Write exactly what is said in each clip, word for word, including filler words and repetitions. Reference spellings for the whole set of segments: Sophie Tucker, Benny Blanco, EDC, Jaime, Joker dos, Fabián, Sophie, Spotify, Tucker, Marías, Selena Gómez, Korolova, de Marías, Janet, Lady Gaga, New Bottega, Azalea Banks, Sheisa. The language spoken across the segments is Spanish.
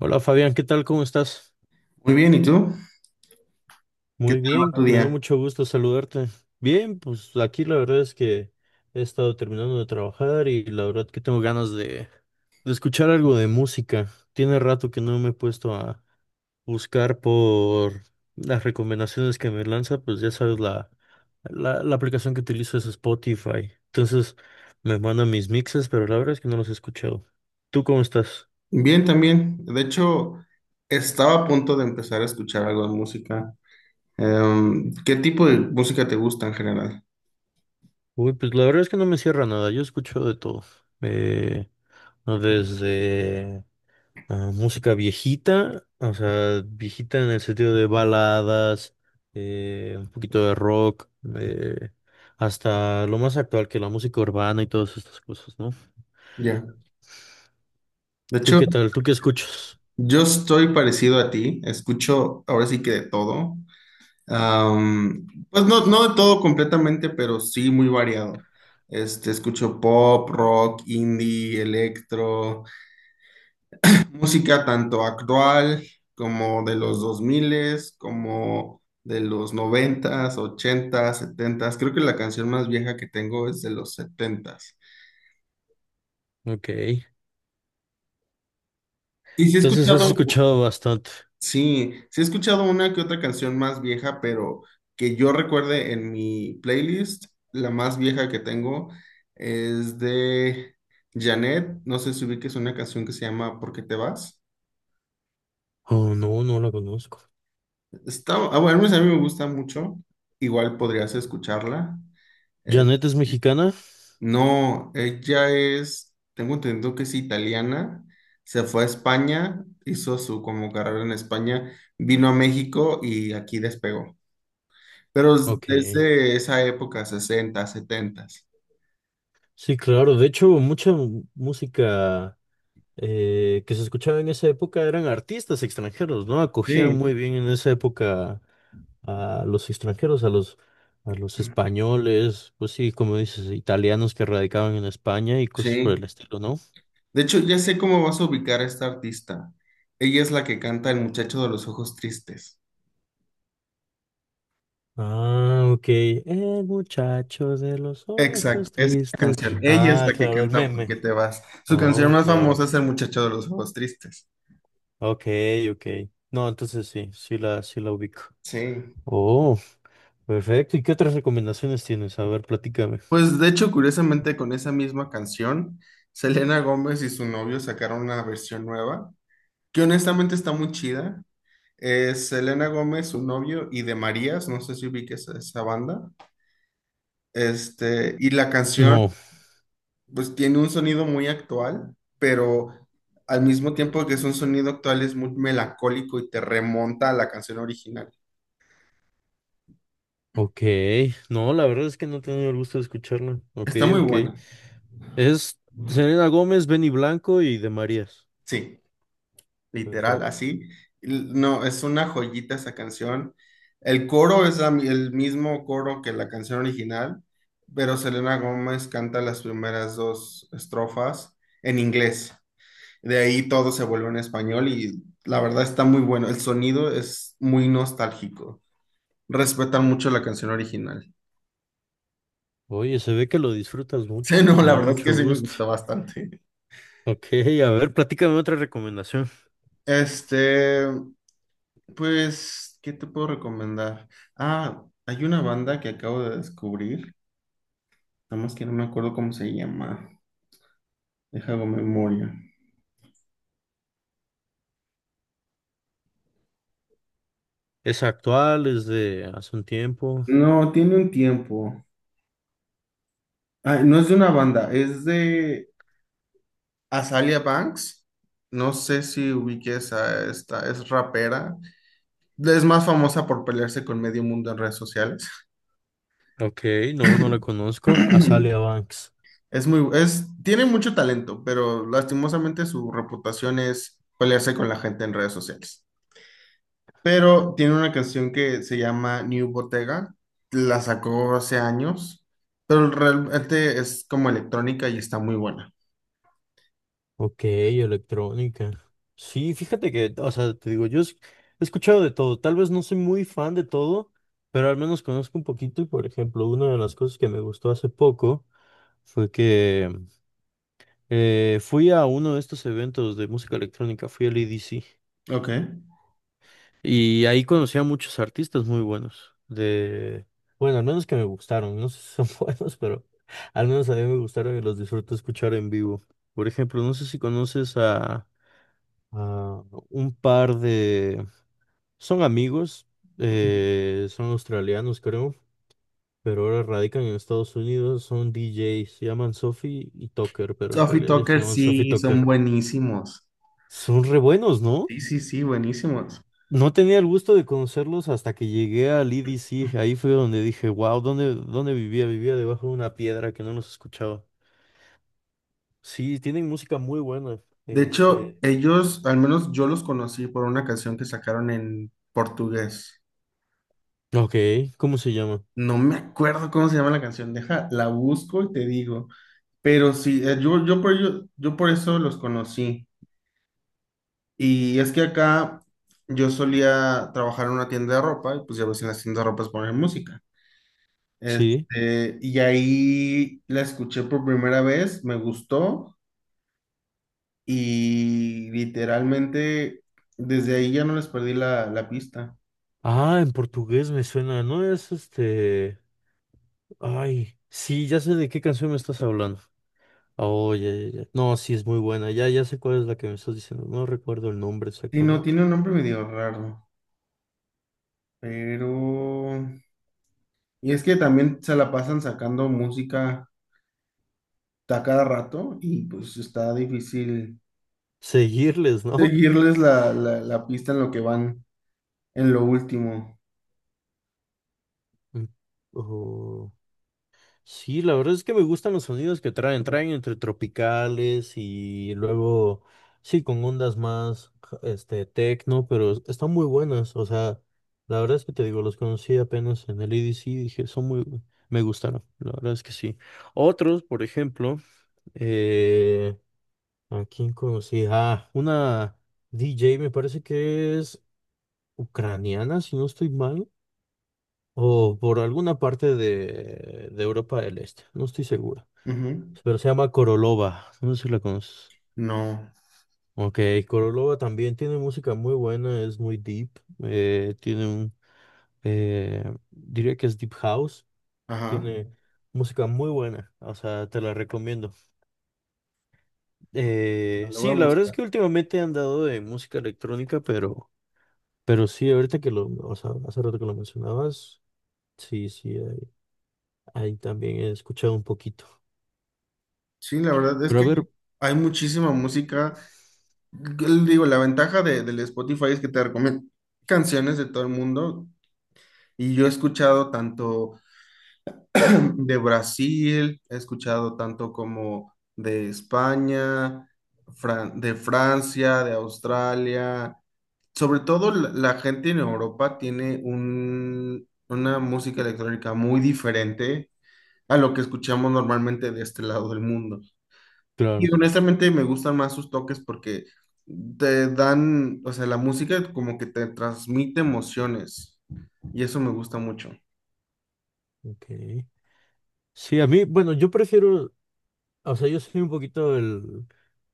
Hola Fabián, ¿qué tal? ¿Cómo estás? Muy bien, ¿y tú? ¿Qué Muy tal va bien, tu me da día? mucho gusto saludarte. Bien, pues aquí la verdad es que he estado terminando de trabajar y la verdad que tengo ganas de, de escuchar algo de música. Tiene rato que no me he puesto a buscar por las recomendaciones que me lanza, pues ya sabes, la, la, la aplicación que utilizo es Spotify. Entonces me mandan mis mixes, pero la verdad es que no los he escuchado. ¿Tú cómo estás? Bien, también. De hecho, estaba a punto de empezar a escuchar algo de música. Em, ¿qué tipo de música te gusta en general? Uy, pues la verdad es que no me cierra nada, yo escucho de todo. Eh, ¿No? Desde ah, música viejita, o sea, viejita en el sentido de baladas, eh, un poquito de rock, eh, hasta lo más actual que la música urbana y todas estas cosas, ¿no? Ya. De ¿Tú hecho, qué tal? ¿Tú qué escuchas? yo estoy parecido a ti. Escucho ahora sí que de todo. Am, pues no, no de todo completamente, pero sí muy variado. Este, escucho pop, rock, indie, electro. Música tanto actual como de los dos mil, como de los noventas, ochenta. Creo que la canción más vieja que tengo es de los setenta. Ok. Y sí he Entonces has escuchado, escuchado bastante. sí, sí he escuchado una que otra canción más vieja, pero que yo recuerde en mi playlist, la más vieja que tengo es de Janet. No sé si ubiques una canción que se llama ¿Por qué te vas? Oh, no, no la conozco. Está, ah, bueno, a mí me gusta mucho. Igual podrías escucharla. Eh, ¿Janet es mexicana? no, ella es, tengo entendido que es italiana, se fue a España, hizo su como carrera en España, vino a México y aquí despegó. Pero es Ok. desde esa época, sesenta, setenta. Sí, claro. De hecho, mucha música, eh, que se escuchaba en esa época eran artistas extranjeros, ¿no? Acogían Sí, muy bien en esa época a los extranjeros, a los, a los españoles, pues sí, como dices, italianos que radicaban en España y cosas por sí. el estilo, ¿no? De hecho, ya sé cómo vas a ubicar a esta artista. Ella es la que canta El muchacho de los ojos tristes. Ah, ok. El muchacho de los Exacto, ojos esa tristes. canción. Ella es Ah, la que claro, el canta ¿Por qué meme. te vas? Su canción Oh, más claro. famosa es El muchacho de los ojos tristes. Ok, ok. No, entonces sí, sí la, sí la ubico. Sí. Oh, perfecto. ¿Y qué otras recomendaciones tienes? A ver, platícame. Pues de hecho, curiosamente, con esa misma canción, Selena Gómez y su novio sacaron una versión nueva, que honestamente está muy chida. Es Selena Gómez, su novio, y de Marías, no sé si ubiques a esa banda. Este, y la canción, No. pues tiene un sonido muy actual, pero al mismo tiempo que es un sonido actual, es muy melancólico y te remonta a la canción original. Ok, no, la verdad es que no he tenido el gusto de escucharla. Ok, Está muy ok. buena, Es Selena Gómez, Benny Blanco y de Marías. sí, literal, Perfecto. así. No, es una joyita esa canción. El coro es la mi- el mismo coro que la canción original, pero Selena Gómez canta las primeras dos estrofas en inglés. De ahí todo se vuelve en español y la verdad está muy bueno. El sonido es muy nostálgico. Respetan mucho la canción original. Oye, se ve que lo disfrutas mucho. Sí, no, Me la da verdad es que mucho sí me gusto. gustó bastante. Ok, a ver, platícame otra recomendación. Este, pues, ¿qué te puedo recomendar? Ah, hay una banda que acabo de descubrir. Nada más que no me acuerdo cómo se llama. Deja hago memoria. ¿Es actual? ¿Es de hace un tiempo? No, tiene un tiempo. Ah, no es de una banda, es de Azalea Banks. No sé si ubiques a esta, es rapera. Es más famosa por pelearse con medio mundo en redes sociales. Ok, no, no la conozco. Azalea Banks. Es muy, es, tiene mucho talento, pero lastimosamente su reputación es pelearse con la gente en redes sociales. Pero tiene una canción que se llama New Bottega, la sacó hace años, pero realmente es como electrónica y está muy buena. Ok, electrónica. Sí, fíjate que, o sea, te digo, yo es- he escuchado de todo. Tal vez no soy muy fan de todo, pero al menos conozco un poquito. Y por ejemplo, una de las cosas que me gustó hace poco fue que eh, fui a uno de estos eventos de música electrónica, fui al E D C. Ok. Y ahí conocí a muchos artistas muy buenos. De, bueno, al menos que me gustaron. No sé si son buenos, pero al menos a mí me gustaron y los disfruto escuchar en vivo. Por ejemplo, no sé si conoces a Ah, un par de... Son amigos, Ujú. eh, son australianos creo, pero ahora radican en Estados Unidos, son D Js, se llaman Sophie y Tucker, pero en Sophie realidad se Tucker llaman Sophie y sí, son Tucker. buenísimos. Son re buenos, ¿no? Sí, sí, sí, buenísimos. No tenía el gusto de conocerlos hasta que llegué al E D C, ahí fue donde dije, wow, ¿dónde, ¿dónde vivía? Vivía debajo de una piedra que no los escuchaba. Sí, tienen música muy buena. De hecho, Este... ellos, al menos yo los conocí por una canción que sacaron en portugués. Ok, ¿cómo se llama? No me acuerdo cómo se llama la canción, deja, la busco y te digo. Pero sí, eh, yo, yo, por, ello- yo por eso los conocí. Y es que acá yo solía trabajar en una tienda de ropa y pues ya ves en las tiendas de ropa ponen música. Sí. Este, y ahí la escuché por primera vez, me gustó y literalmente desde ahí ya no les perdí la, la pista. Ah, en portugués me suena, ¿no es este... Ay, sí, ya sé de qué canción me estás hablando. Oh, ya, ya, ya. No, sí, es muy buena. Ya, ya sé cuál es la que me estás diciendo. No recuerdo el nombre Sí, no, exactamente. tiene un nombre medio raro, pero... Y es que también se la pasan sacando música a cada rato y pues está difícil Seguirles, ¿no? seguirles la, la la pista en lo que van, en lo último. Mm. Oh, sí, la verdad es que me gustan los sonidos que traen. Traen entre tropicales y luego, sí, con ondas más, ja- este, tecno, pero es- están muy buenas. O sea, la verdad es que te digo, los conocí apenas en el E D C y dije, son muy, me gustaron. La verdad es que sí. Otros, por ejemplo. Eh, ¿A quién conocí? Ah, una D J me parece que es ucraniana, si no estoy mal, o por alguna parte de, de Europa del Este, no estoy seguro. Ujú. Pero se llama Korolova, no sé si la conoces. No, Ok, Korolova también tiene música muy buena, es muy deep, eh, tiene un, eh, diría que es deep house, ajá. tiene música muy buena, o sea, te la recomiendo. Me Eh, lo voy sí, a la verdad es buscar. que últimamente han dado de música electrónica, pero, pero sí, ahorita que lo, o sea, hace rato que lo mencionabas, sí, sí, ahí, ahí también he escuchado un poquito. Sí, la verdad es Pero a que ver, hay muchísima música. L- Digo, la ventaja de, del Spotify es que te recomienda canciones de todo el mundo. Y yo he escuchado tanto de Brasil, he escuchado tanto como de España, Fran- de Francia, de Australia. Sobre todo la, la gente en Europa tiene un, una música electrónica muy diferente a lo que escuchamos normalmente de este lado del mundo. claro, Y honestamente me gustan más sus toques porque te dan, o sea, la música como que te transmite emociones y eso me gusta mucho. ok. Sí, a mí, bueno, yo prefiero, o sea, yo soy un poquito el,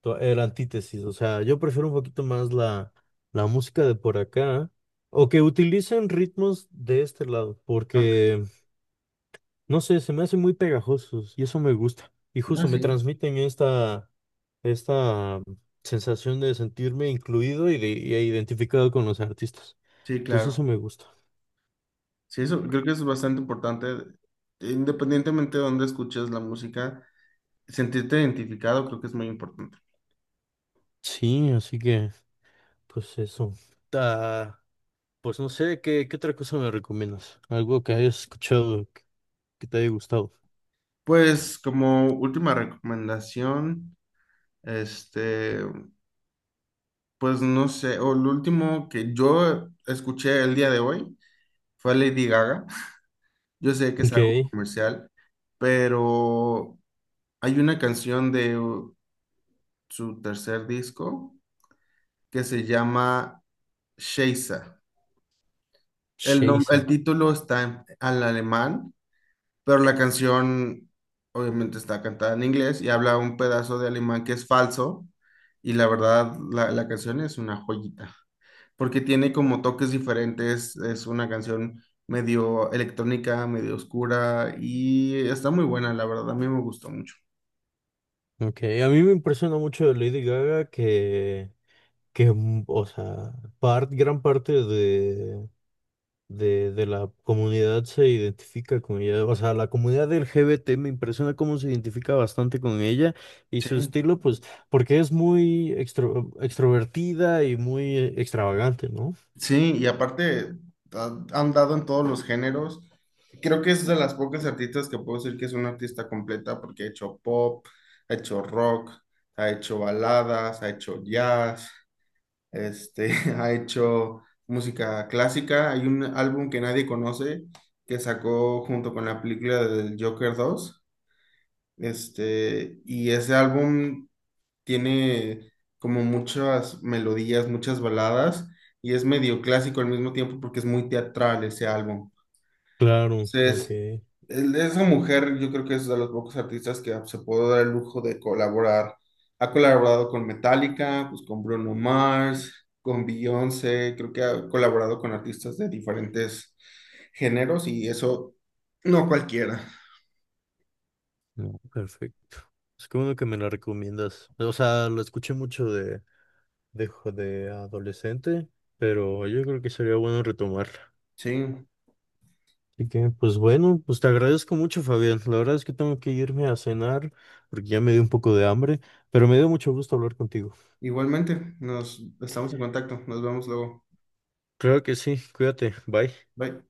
to- el antítesis, o sea, yo prefiero un poquito más la, la música de por acá, o que utilicen ritmos de este lado, Ok, porque, no sé, se me hacen muy pegajosos y eso me gusta. Y ah, justo me sí, transmiten esta esta mm, sensación de sentirme incluido y de y e identificado con los artistas. sí, Entonces eso claro. me gusta. Sí, eso creo que es bastante importante, independientemente de dónde escuches la música, sentirte identificado creo que es muy importante. Sí, así que pues eso. Ah, pues no sé, ¿qué, ¿qué otra cosa me recomiendas? Algo que hayas escuchado que, que te haya gustado. Pues como última recomendación, este, pues no sé, o lo último que yo escuché el día de hoy, fue Lady Gaga. Yo sé que es Ok, algo comercial, pero hay una canción de uh, su tercer disco que se llama Sheisa. El, nom- el Sheisa. título está en, al alemán, pero la canción obviamente está cantada en inglés y habla un pedazo de alemán que es falso y la verdad la, la canción es una joyita porque tiene como toques diferentes, es una canción medio electrónica, medio oscura y está muy buena, la verdad, a mí me gustó mucho. Ok, a mí me impresiona mucho de Lady Gaga que, que mm, o sea, par- gran parte de, de, de la comunidad se identifica con ella. O sea, la comunidad L G B T me impresiona cómo se identifica bastante con ella y Sí. su estilo, pues, porque es muy extro- extrovertida y muy eh, extravagante, ¿no? Sí, y aparte ha, ha andado en todos los géneros. Creo que es de las pocas artistas que puedo decir que es una artista completa porque ha hecho pop, ha hecho rock, ha hecho baladas, ha hecho jazz, este, ha hecho música clásica. Hay un álbum que nadie conoce que sacó junto con la película del Joker dos. Este, y ese álbum tiene como muchas melodías, muchas baladas, y es medio clásico al mismo tiempo porque es muy teatral ese álbum. Claro, Entonces, ok. el- esa mujer yo creo que es de los pocos artistas que se puede dar el lujo de colaborar. Ha colaborado con Metallica, pues con Bruno Mars, con Beyoncé, creo que ha colaborado con artistas de diferentes géneros y eso no cualquiera. No, perfecto. Es que bueno que me la recomiendas. O sea, lo escuché mucho de, de, jo- de adolescente, pero yo creo que sería bueno retomarla. Sí, Así que, pues bueno, pues te agradezco mucho, Fabián. La verdad es que tengo que irme a cenar porque ya me dio un poco de hambre, pero me dio mucho gusto hablar contigo. igualmente, nos estamos en contacto, nos vemos luego. Claro que sí, cuídate, bye. Bye.